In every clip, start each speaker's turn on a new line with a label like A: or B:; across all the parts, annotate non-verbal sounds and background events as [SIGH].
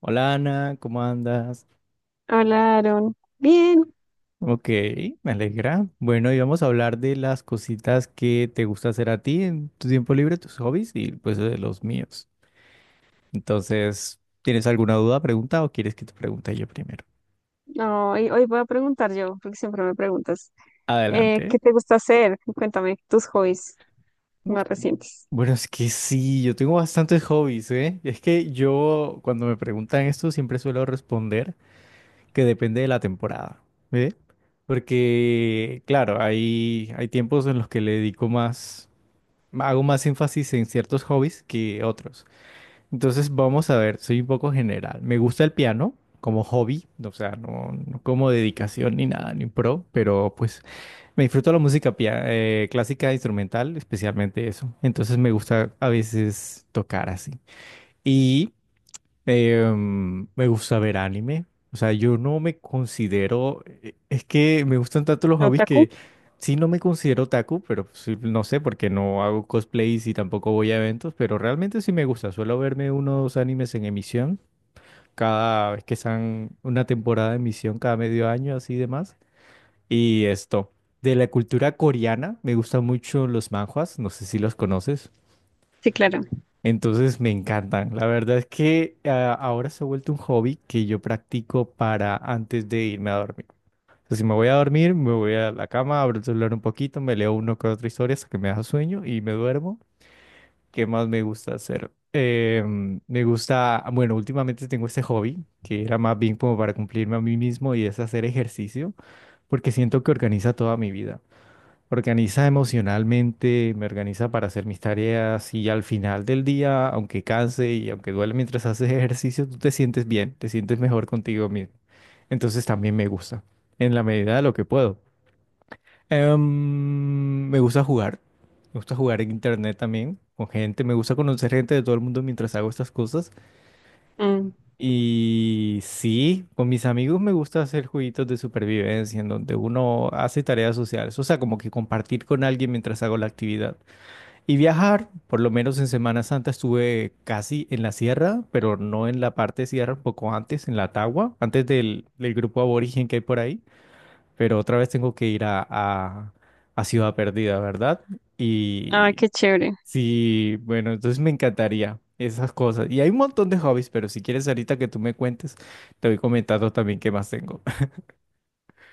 A: Hola, Ana, ¿cómo andas?
B: Hola, Aaron. Bien.
A: Ok, me alegra. Bueno, y vamos a hablar de las cositas que te gusta hacer a ti en tu tiempo libre, tus hobbies y pues de los míos. Entonces, ¿tienes alguna duda, pregunta o quieres que te pregunte yo primero?
B: No, hoy voy a preguntar yo, porque siempre me preguntas.
A: Adelante.
B: ¿Qué te gusta hacer? Cuéntame tus hobbies
A: Uf,
B: más recientes.
A: Bueno, es que sí, yo tengo bastantes hobbies, ¿eh? Es que yo cuando me preguntan esto siempre suelo responder que depende de la temporada, ¿eh? Porque, claro, hay tiempos en los que le dedico más. Hago más énfasis en ciertos hobbies que otros. Entonces, vamos a ver, soy un poco general. Me gusta el piano como hobby, o sea, no como dedicación ni nada, ni pro, pero pues me disfruto la música clásica, instrumental, especialmente eso. Entonces, me gusta a veces tocar así. Y Me gusta ver anime. O sea, yo no me Es que me gustan tanto los hobbies
B: ¿Otaku?
A: que sí, no me considero otaku, pero sí, no sé, porque no hago cosplays y tampoco voy a eventos, pero realmente sí me gusta. Suelo verme unos animes en emisión cada vez que están una temporada de emisión, cada medio año, así demás. Y esto. De la cultura coreana, me gustan mucho los manhwas. No sé si los conoces.
B: Sí, claro.
A: Entonces me encantan. La verdad es que ahora se ha vuelto un hobby que yo practico para antes de irme a dormir. O sea, si me voy a dormir, me voy a la cama, abro el celular un poquito, me leo uno que otra historia hasta que me da sueño y me duermo. ¿Qué más me gusta hacer? Me gusta, bueno, últimamente tengo este hobby que era más bien como para cumplirme a mí mismo y es hacer ejercicio porque siento que organiza toda mi vida, organiza emocionalmente, me organiza para hacer mis tareas y al final del día, aunque canse y aunque duele mientras [LAUGHS] haces ejercicio, tú te sientes bien, te sientes mejor contigo mismo. Entonces también me gusta, en la medida de lo que puedo. Me gusta jugar, me gusta jugar en internet también, con gente, me gusta conocer gente de todo el mundo mientras hago estas cosas.
B: Mm.
A: Y sí, con mis amigos me gusta hacer jueguitos de supervivencia en donde uno hace tareas sociales, o sea, como que compartir con alguien mientras hago la actividad. Y viajar, por lo menos en Semana Santa estuve casi en la sierra, pero no en la parte sierra, un poco antes, en la Tagua, antes del grupo aborigen que hay por ahí. Pero otra vez tengo que ir a Ciudad Perdida, ¿verdad?
B: Ah,
A: Y
B: qué chévere.
A: sí, bueno, entonces me encantaría esas cosas. Y hay un montón de hobbies, pero si quieres ahorita que tú me cuentes, te voy comentando también qué más tengo. [LAUGHS]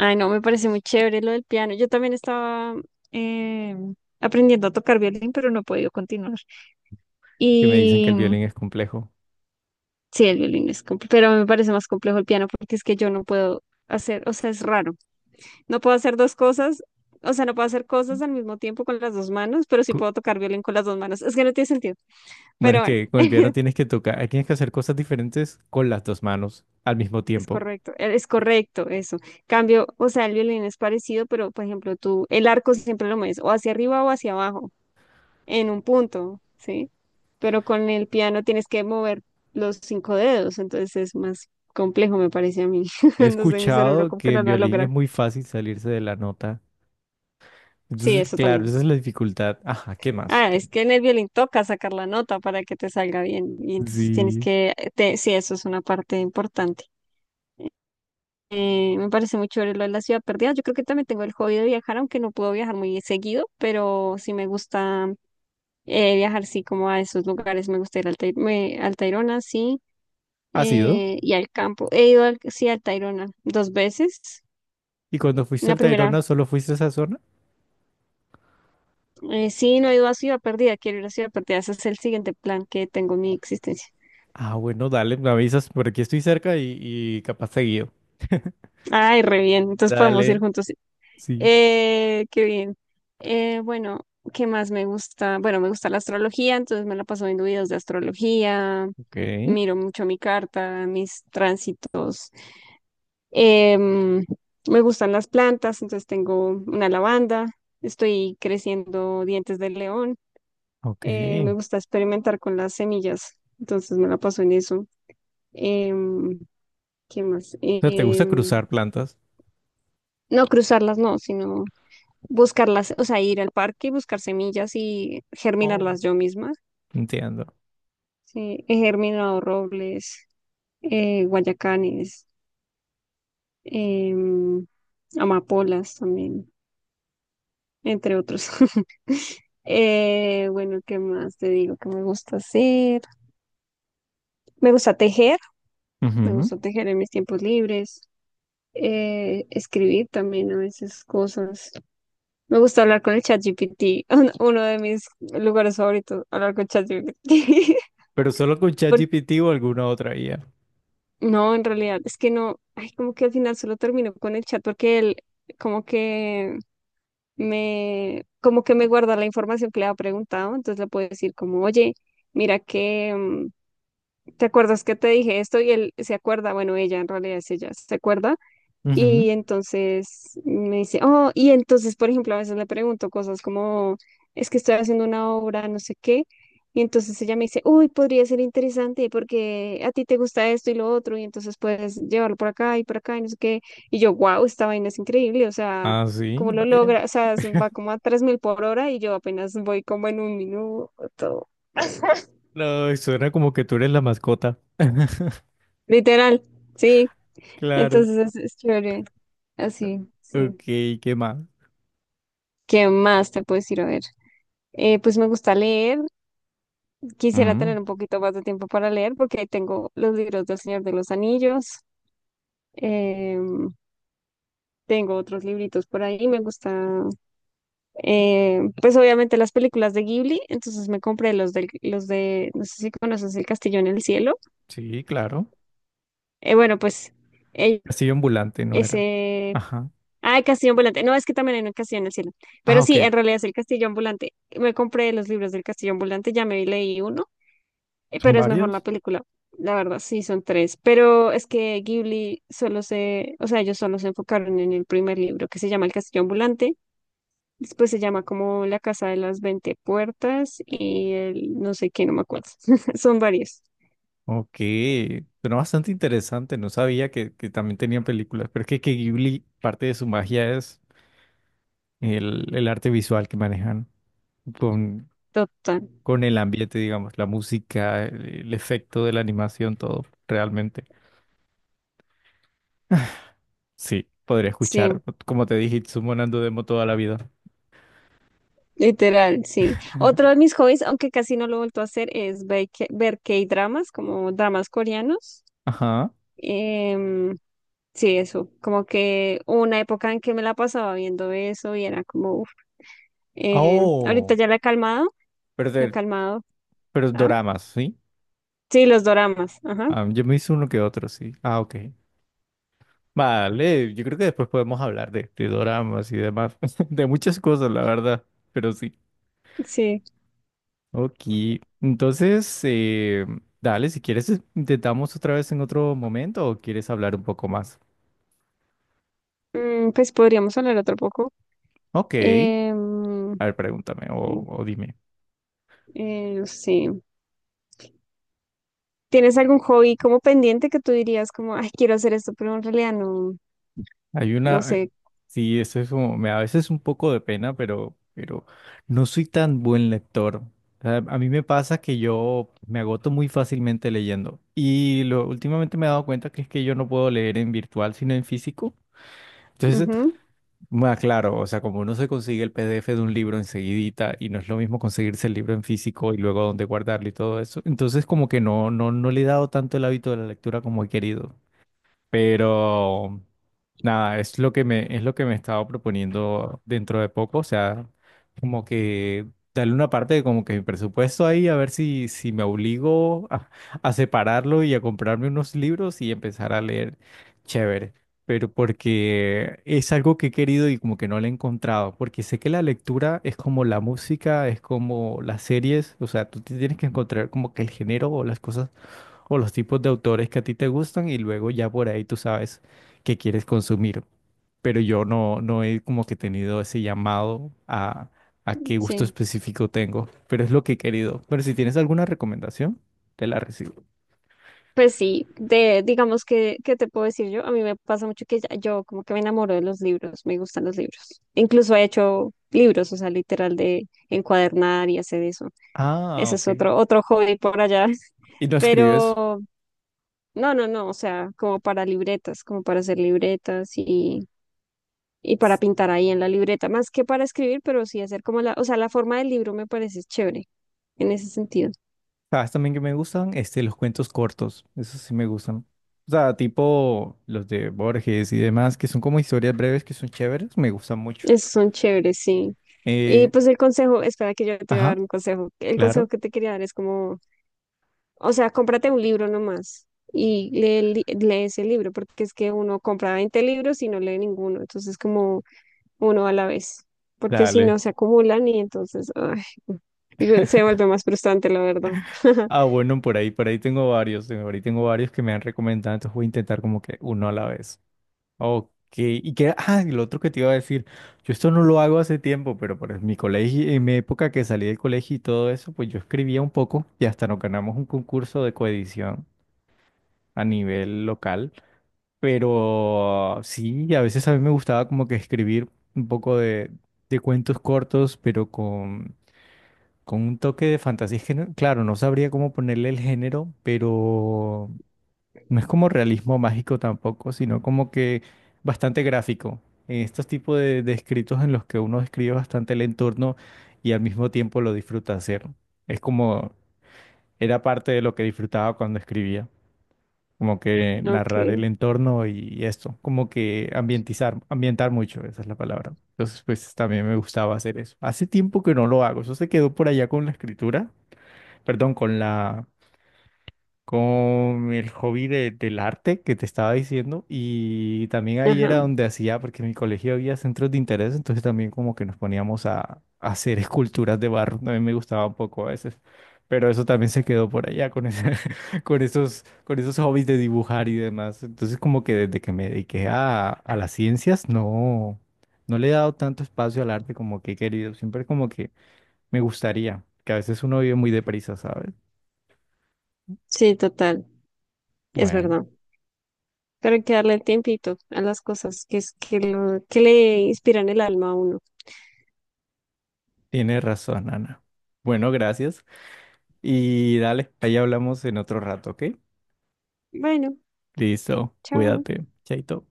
B: Ay, no, me parece muy chévere lo del piano. Yo también estaba eh, aprendiendo a tocar violín, pero no he podido continuar.
A: Que me dicen que
B: Y
A: el
B: mm,
A: violín es complejo.
B: sí, el violín es complejo, pero me parece más complejo el piano porque es que yo no puedo hacer, o sea, es raro. No puedo hacer dos cosas, o sea, no puedo hacer cosas al mismo tiempo con las dos manos, pero sí
A: Cu-
B: puedo tocar violín con las dos manos. Es que no tiene sentido,
A: Bueno,
B: pero
A: es
B: bueno,
A: que con el piano tienes que tocar, tienes que hacer cosas diferentes con las dos manos al mismo tiempo.
B: es correcto eso. Cambio, o sea, el violín es parecido, pero por ejemplo, tú, el arco siempre lo mueves o hacia arriba o hacia abajo, en un punto, ¿sí? Pero con el piano tienes que mover los cinco dedos, entonces es más complejo, me parece a mí.
A: He
B: [LAUGHS] No sé, mi cerebro
A: escuchado
B: como que
A: que
B: no
A: en
B: lo
A: violín
B: logra.
A: es muy fácil salirse de la nota.
B: Sí,
A: Entonces,
B: eso
A: claro,
B: también.
A: esa es la dificultad. Ajá, ¿qué más?
B: Ah,
A: ¿Qué
B: es que en el violín toca sacar la nota para que te salga bien. Y
A: más?
B: entonces tienes
A: Sí.
B: que, sí, eso es una parte importante. Me parece muy chévere lo de la ciudad perdida. Yo creo que también tengo el hobby de viajar, aunque no puedo viajar muy seguido, pero sí me gusta viajar, sí, como a esos lugares. Me gusta ir al al Tayrona, sí,
A: ¿Has ido?
B: y al campo. He ido, sí, al Tayrona dos veces.
A: ¿Y cuando fuiste
B: La
A: al
B: primera,
A: Tayrona solo fuiste a esa zona?
B: sí, no he ido a Ciudad Perdida, quiero ir a Ciudad Perdida. Ese es el siguiente plan que tengo en mi existencia.
A: Ah, bueno, dale, me avisas, por aquí estoy cerca y capaz seguido.
B: Ay, re bien. Entonces podemos ir
A: Dale,
B: juntos.
A: sí.
B: Qué bien. Bueno, ¿qué más me gusta? Bueno, me gusta la astrología, entonces me la paso viendo videos de astrología,
A: Ok.
B: miro mucho mi carta, mis tránsitos. Em, Me gustan las plantas, entonces tengo una lavanda, estoy creciendo dientes de león.
A: Ok.
B: Me
A: O
B: gusta experimentar con las semillas, entonces me la paso en eso. Em, ¿Qué más?
A: sea, ¿te gusta cruzar plantas?
B: No cruzarlas, no, sino buscarlas, o sea, ir al parque y buscar semillas y germinarlas
A: Oh,
B: yo misma.
A: entiendo.
B: Sí, he germinado robles, guayacanes, em, amapolas también, entre otros. [LAUGHS] Bueno, ¿qué más te digo que me gusta hacer? Me gusta tejer, me
A: Ujú.
B: gusta tejer en mis tiempos libres, escribir también a veces cosas. Me gusta hablar con el ChatGPT, [LAUGHS] uno de mis lugares favoritos, hablar con ChatGPT. [LAUGHS]
A: Pero solo con ChatGPT o alguna otra IA.
B: No, en realidad es que no, ay, como que al final solo termino con el chat porque él como que como que me guarda la información que le ha preguntado, entonces le puedo decir como, oye, mira que, ¿te acuerdas que te dije esto? Y él se acuerda, bueno, ella en realidad es ella, se acuerda
A: Ujú.
B: y entonces me dice, oh, y entonces, por ejemplo, a veces le pregunto cosas como, es que estoy haciendo una obra, no sé qué. Y entonces ella me dice, uy, podría ser interesante porque a ti te gusta esto y lo otro, y entonces puedes llevarlo por acá y no sé qué. Y yo, wow, esta vaina es increíble, o sea,
A: Ah, sí,
B: ¿cómo lo
A: vaya.
B: logra? O sea, se va como a 3.000 por hora y yo apenas voy como en un minuto.
A: No, suena como que tú eres la mascota. [LAUGHS]
B: Literal, sí.
A: Claro.
B: Entonces es chévere, así,
A: Ok,
B: sí.
A: ¿qué más?
B: ¿Qué más te puedo decir? A ver. Pues me gusta leer, quisiera
A: Mm,
B: tener un poquito más de tiempo para leer porque ahí tengo los libros del Señor de los Anillos, em, tengo otros libritos por ahí, me gusta, pues obviamente las películas de Ghibli, entonces me compré los de, no sé si conoces El Castillo en el Cielo.
A: sí, claro.
B: Bueno, pues el-
A: Castillo ambulante, ¿no era?
B: ese,
A: Ajá.
B: ah, El Castillo Ambulante, no, es que también hay un Castillo en el Cielo,
A: Ah,
B: pero sí,
A: ok.
B: en realidad es El Castillo Ambulante, me compré los libros del Castillo Ambulante, ya me leí uno.
A: ¿Son
B: Pero es mejor la
A: varios?
B: película. La verdad, sí, son tres. Pero es que Ghibli solo se, o sea, ellos solo se enfocaron en el primer libro, que se llama El Castillo Ambulante. Después se llama como La Casa de las Veinte Puertas y el no sé qué, no me acuerdo. [LAUGHS] Son varios.
A: Ok, pero bastante interesante, no sabía que también tenían películas, pero es que Ghibli, parte de su magia es el arte visual que manejan con,
B: Total.
A: con el ambiente, digamos, la música, el efecto de la animación, todo, realmente. Sí, podría escuchar,
B: Sí,
A: como te dije, Itsumo Nando Demo toda la vida.
B: literal, sí. Otro de mis hobbies, aunque casi no lo he vuelto a hacer, es ver K-dramas, como dramas coreanos.
A: Ajá.
B: Em, sí, eso. Como que hubo una época en que me la pasaba viendo eso y era como. Ahorita
A: Oh,
B: ya la he calmado,
A: pero,
B: la he
A: de-
B: calmado.
A: pero
B: Ah,
A: doramas, ¿sí?
B: sí, los doramas, ajá,
A: Ah, yo me hice uno que otro, sí. Ah, ok. Vale, yo creo que después podemos hablar de doramas y demás, [LAUGHS] de muchas cosas, la verdad, pero sí.
B: sí.
A: Ok, entonces, dale, si quieres, intentamos otra vez en otro momento o quieres hablar un poco más.
B: Pues podríamos hablar otro poco.
A: Ok,
B: Em,
A: a ver, pregúntame
B: sí,
A: o dime.
B: no sé. ¿Tienes algún hobby como pendiente que tú dirías como, ay, quiero hacer esto, pero en realidad no,
A: Hay
B: no
A: una,
B: sé?
A: sí, eso es como, me da a veces un poco de pena, pero no soy tan buen lector. O sea, a mí me pasa que yo me agoto muy fácilmente leyendo. Y lo, últimamente me he dado cuenta que es que yo no puedo leer en virtual, sino en físico. Entonces,
B: Ujú,
A: más claro, o sea, como uno se consigue el PDF de un libro enseguidita y no es lo mismo conseguirse el libro en físico y luego dónde guardarlo y todo eso. Entonces, como que no le he dado tanto el hábito de la lectura como he querido. Pero nada, es lo que me, es lo que me estaba proponiendo dentro de poco. O sea, como que darle una parte de como que mi presupuesto ahí, a ver si, si me obligo a separarlo y a comprarme unos libros y empezar a leer. Chévere. Pero porque es algo que he querido y como que no le he encontrado. Porque sé que la lectura es como la música, es como las series. O sea, tú te tienes que encontrar como que el género o las cosas o los tipos de autores que a ti te gustan y luego ya por ahí tú sabes qué quieres consumir. Pero yo no he como que tenido ese llamado a qué gusto
B: sí.
A: específico tengo, pero es lo que he querido. Pero si tienes alguna recomendación, te la recibo.
B: Pues sí, de, digamos que, ¿qué te puedo decir yo? A mí me pasa mucho que yo como que me enamoro de los libros, me gustan los libros. Incluso he hecho libros, o sea, literal de encuadernar y hacer eso.
A: Ah,
B: Ese es
A: ok.
B: otro hobby por allá. [LAUGHS]
A: Y no escribes.
B: Pero no, no, no, o sea, como para libretas, como para hacer libretas y para pintar ahí en la libreta, más que para escribir, pero sí hacer como la, o sea, la forma del libro me parece chévere en ese sentido.
A: ¿Sabes también que me gustan? Este, los cuentos cortos. Esos sí me gustan. O sea, tipo los de Borges y demás, que son como historias breves que son chéveres, me gustan mucho.
B: Esos son chéveres, sí. Y
A: Eh,
B: pues el consejo, espera que yo te voy a
A: ajá,
B: dar un consejo. El consejo
A: claro.
B: que te quería dar es como, o sea, cómprate un libro nomás y lee, lees el libro, porque es que uno compra 20 libros y no lee ninguno. Entonces, como uno a la vez, porque si
A: Dale.
B: no se acumulan y entonces ay, digo, se vuelve más frustrante, la verdad. [LAUGHS]
A: Ah, bueno, por ahí tengo varios, por ahí tengo varios que me han recomendado, entonces voy a intentar como que uno a la vez. Ok, y que, ah, y lo otro que te iba a decir, yo esto no lo hago hace tiempo, pero por mi colegio, en mi época que salí del colegio y todo eso, pues yo escribía un poco y hasta nos ganamos un concurso de coedición a nivel local, pero sí, a veces a mí me gustaba como que escribir un poco de cuentos cortos, pero con un toque de fantasía. Es que, claro, no sabría cómo ponerle el género, pero no es como realismo mágico tampoco, sino como que bastante gráfico. En estos tipos de escritos en los que uno describe bastante el entorno y al mismo tiempo lo disfruta hacer. Es como, era parte de lo que disfrutaba cuando escribía. Como que
B: Ok,
A: narrar el entorno y esto. Como que ambientizar, ambientar mucho, esa es la palabra. Entonces, pues también me gustaba hacer eso. Hace tiempo que no lo hago. Eso se quedó por allá con la escritura, perdón, con la, con el hobby del arte que te estaba diciendo y también ahí
B: ajá,
A: era donde hacía, porque en mi colegio había centros de interés, entonces también como que nos poníamos a hacer esculturas de barro, también me gustaba un poco a veces, pero eso también se quedó por allá [LAUGHS] con esos hobbies de dibujar y demás, entonces como que desde que me dediqué a las ciencias, no, no le he dado tanto espacio al arte como que he querido, siempre como que me gustaría, que a veces uno vive muy deprisa, ¿sabes?
B: sí, total, es
A: Bueno,
B: verdad. Pero hay que darle el tiempito a las cosas que es que lo que le inspiran el alma a uno.
A: tienes razón, Ana. Bueno, gracias. Y dale, ahí hablamos en otro rato, ¿ok?
B: Bueno,
A: Listo,
B: chao.
A: cuídate. Chaito.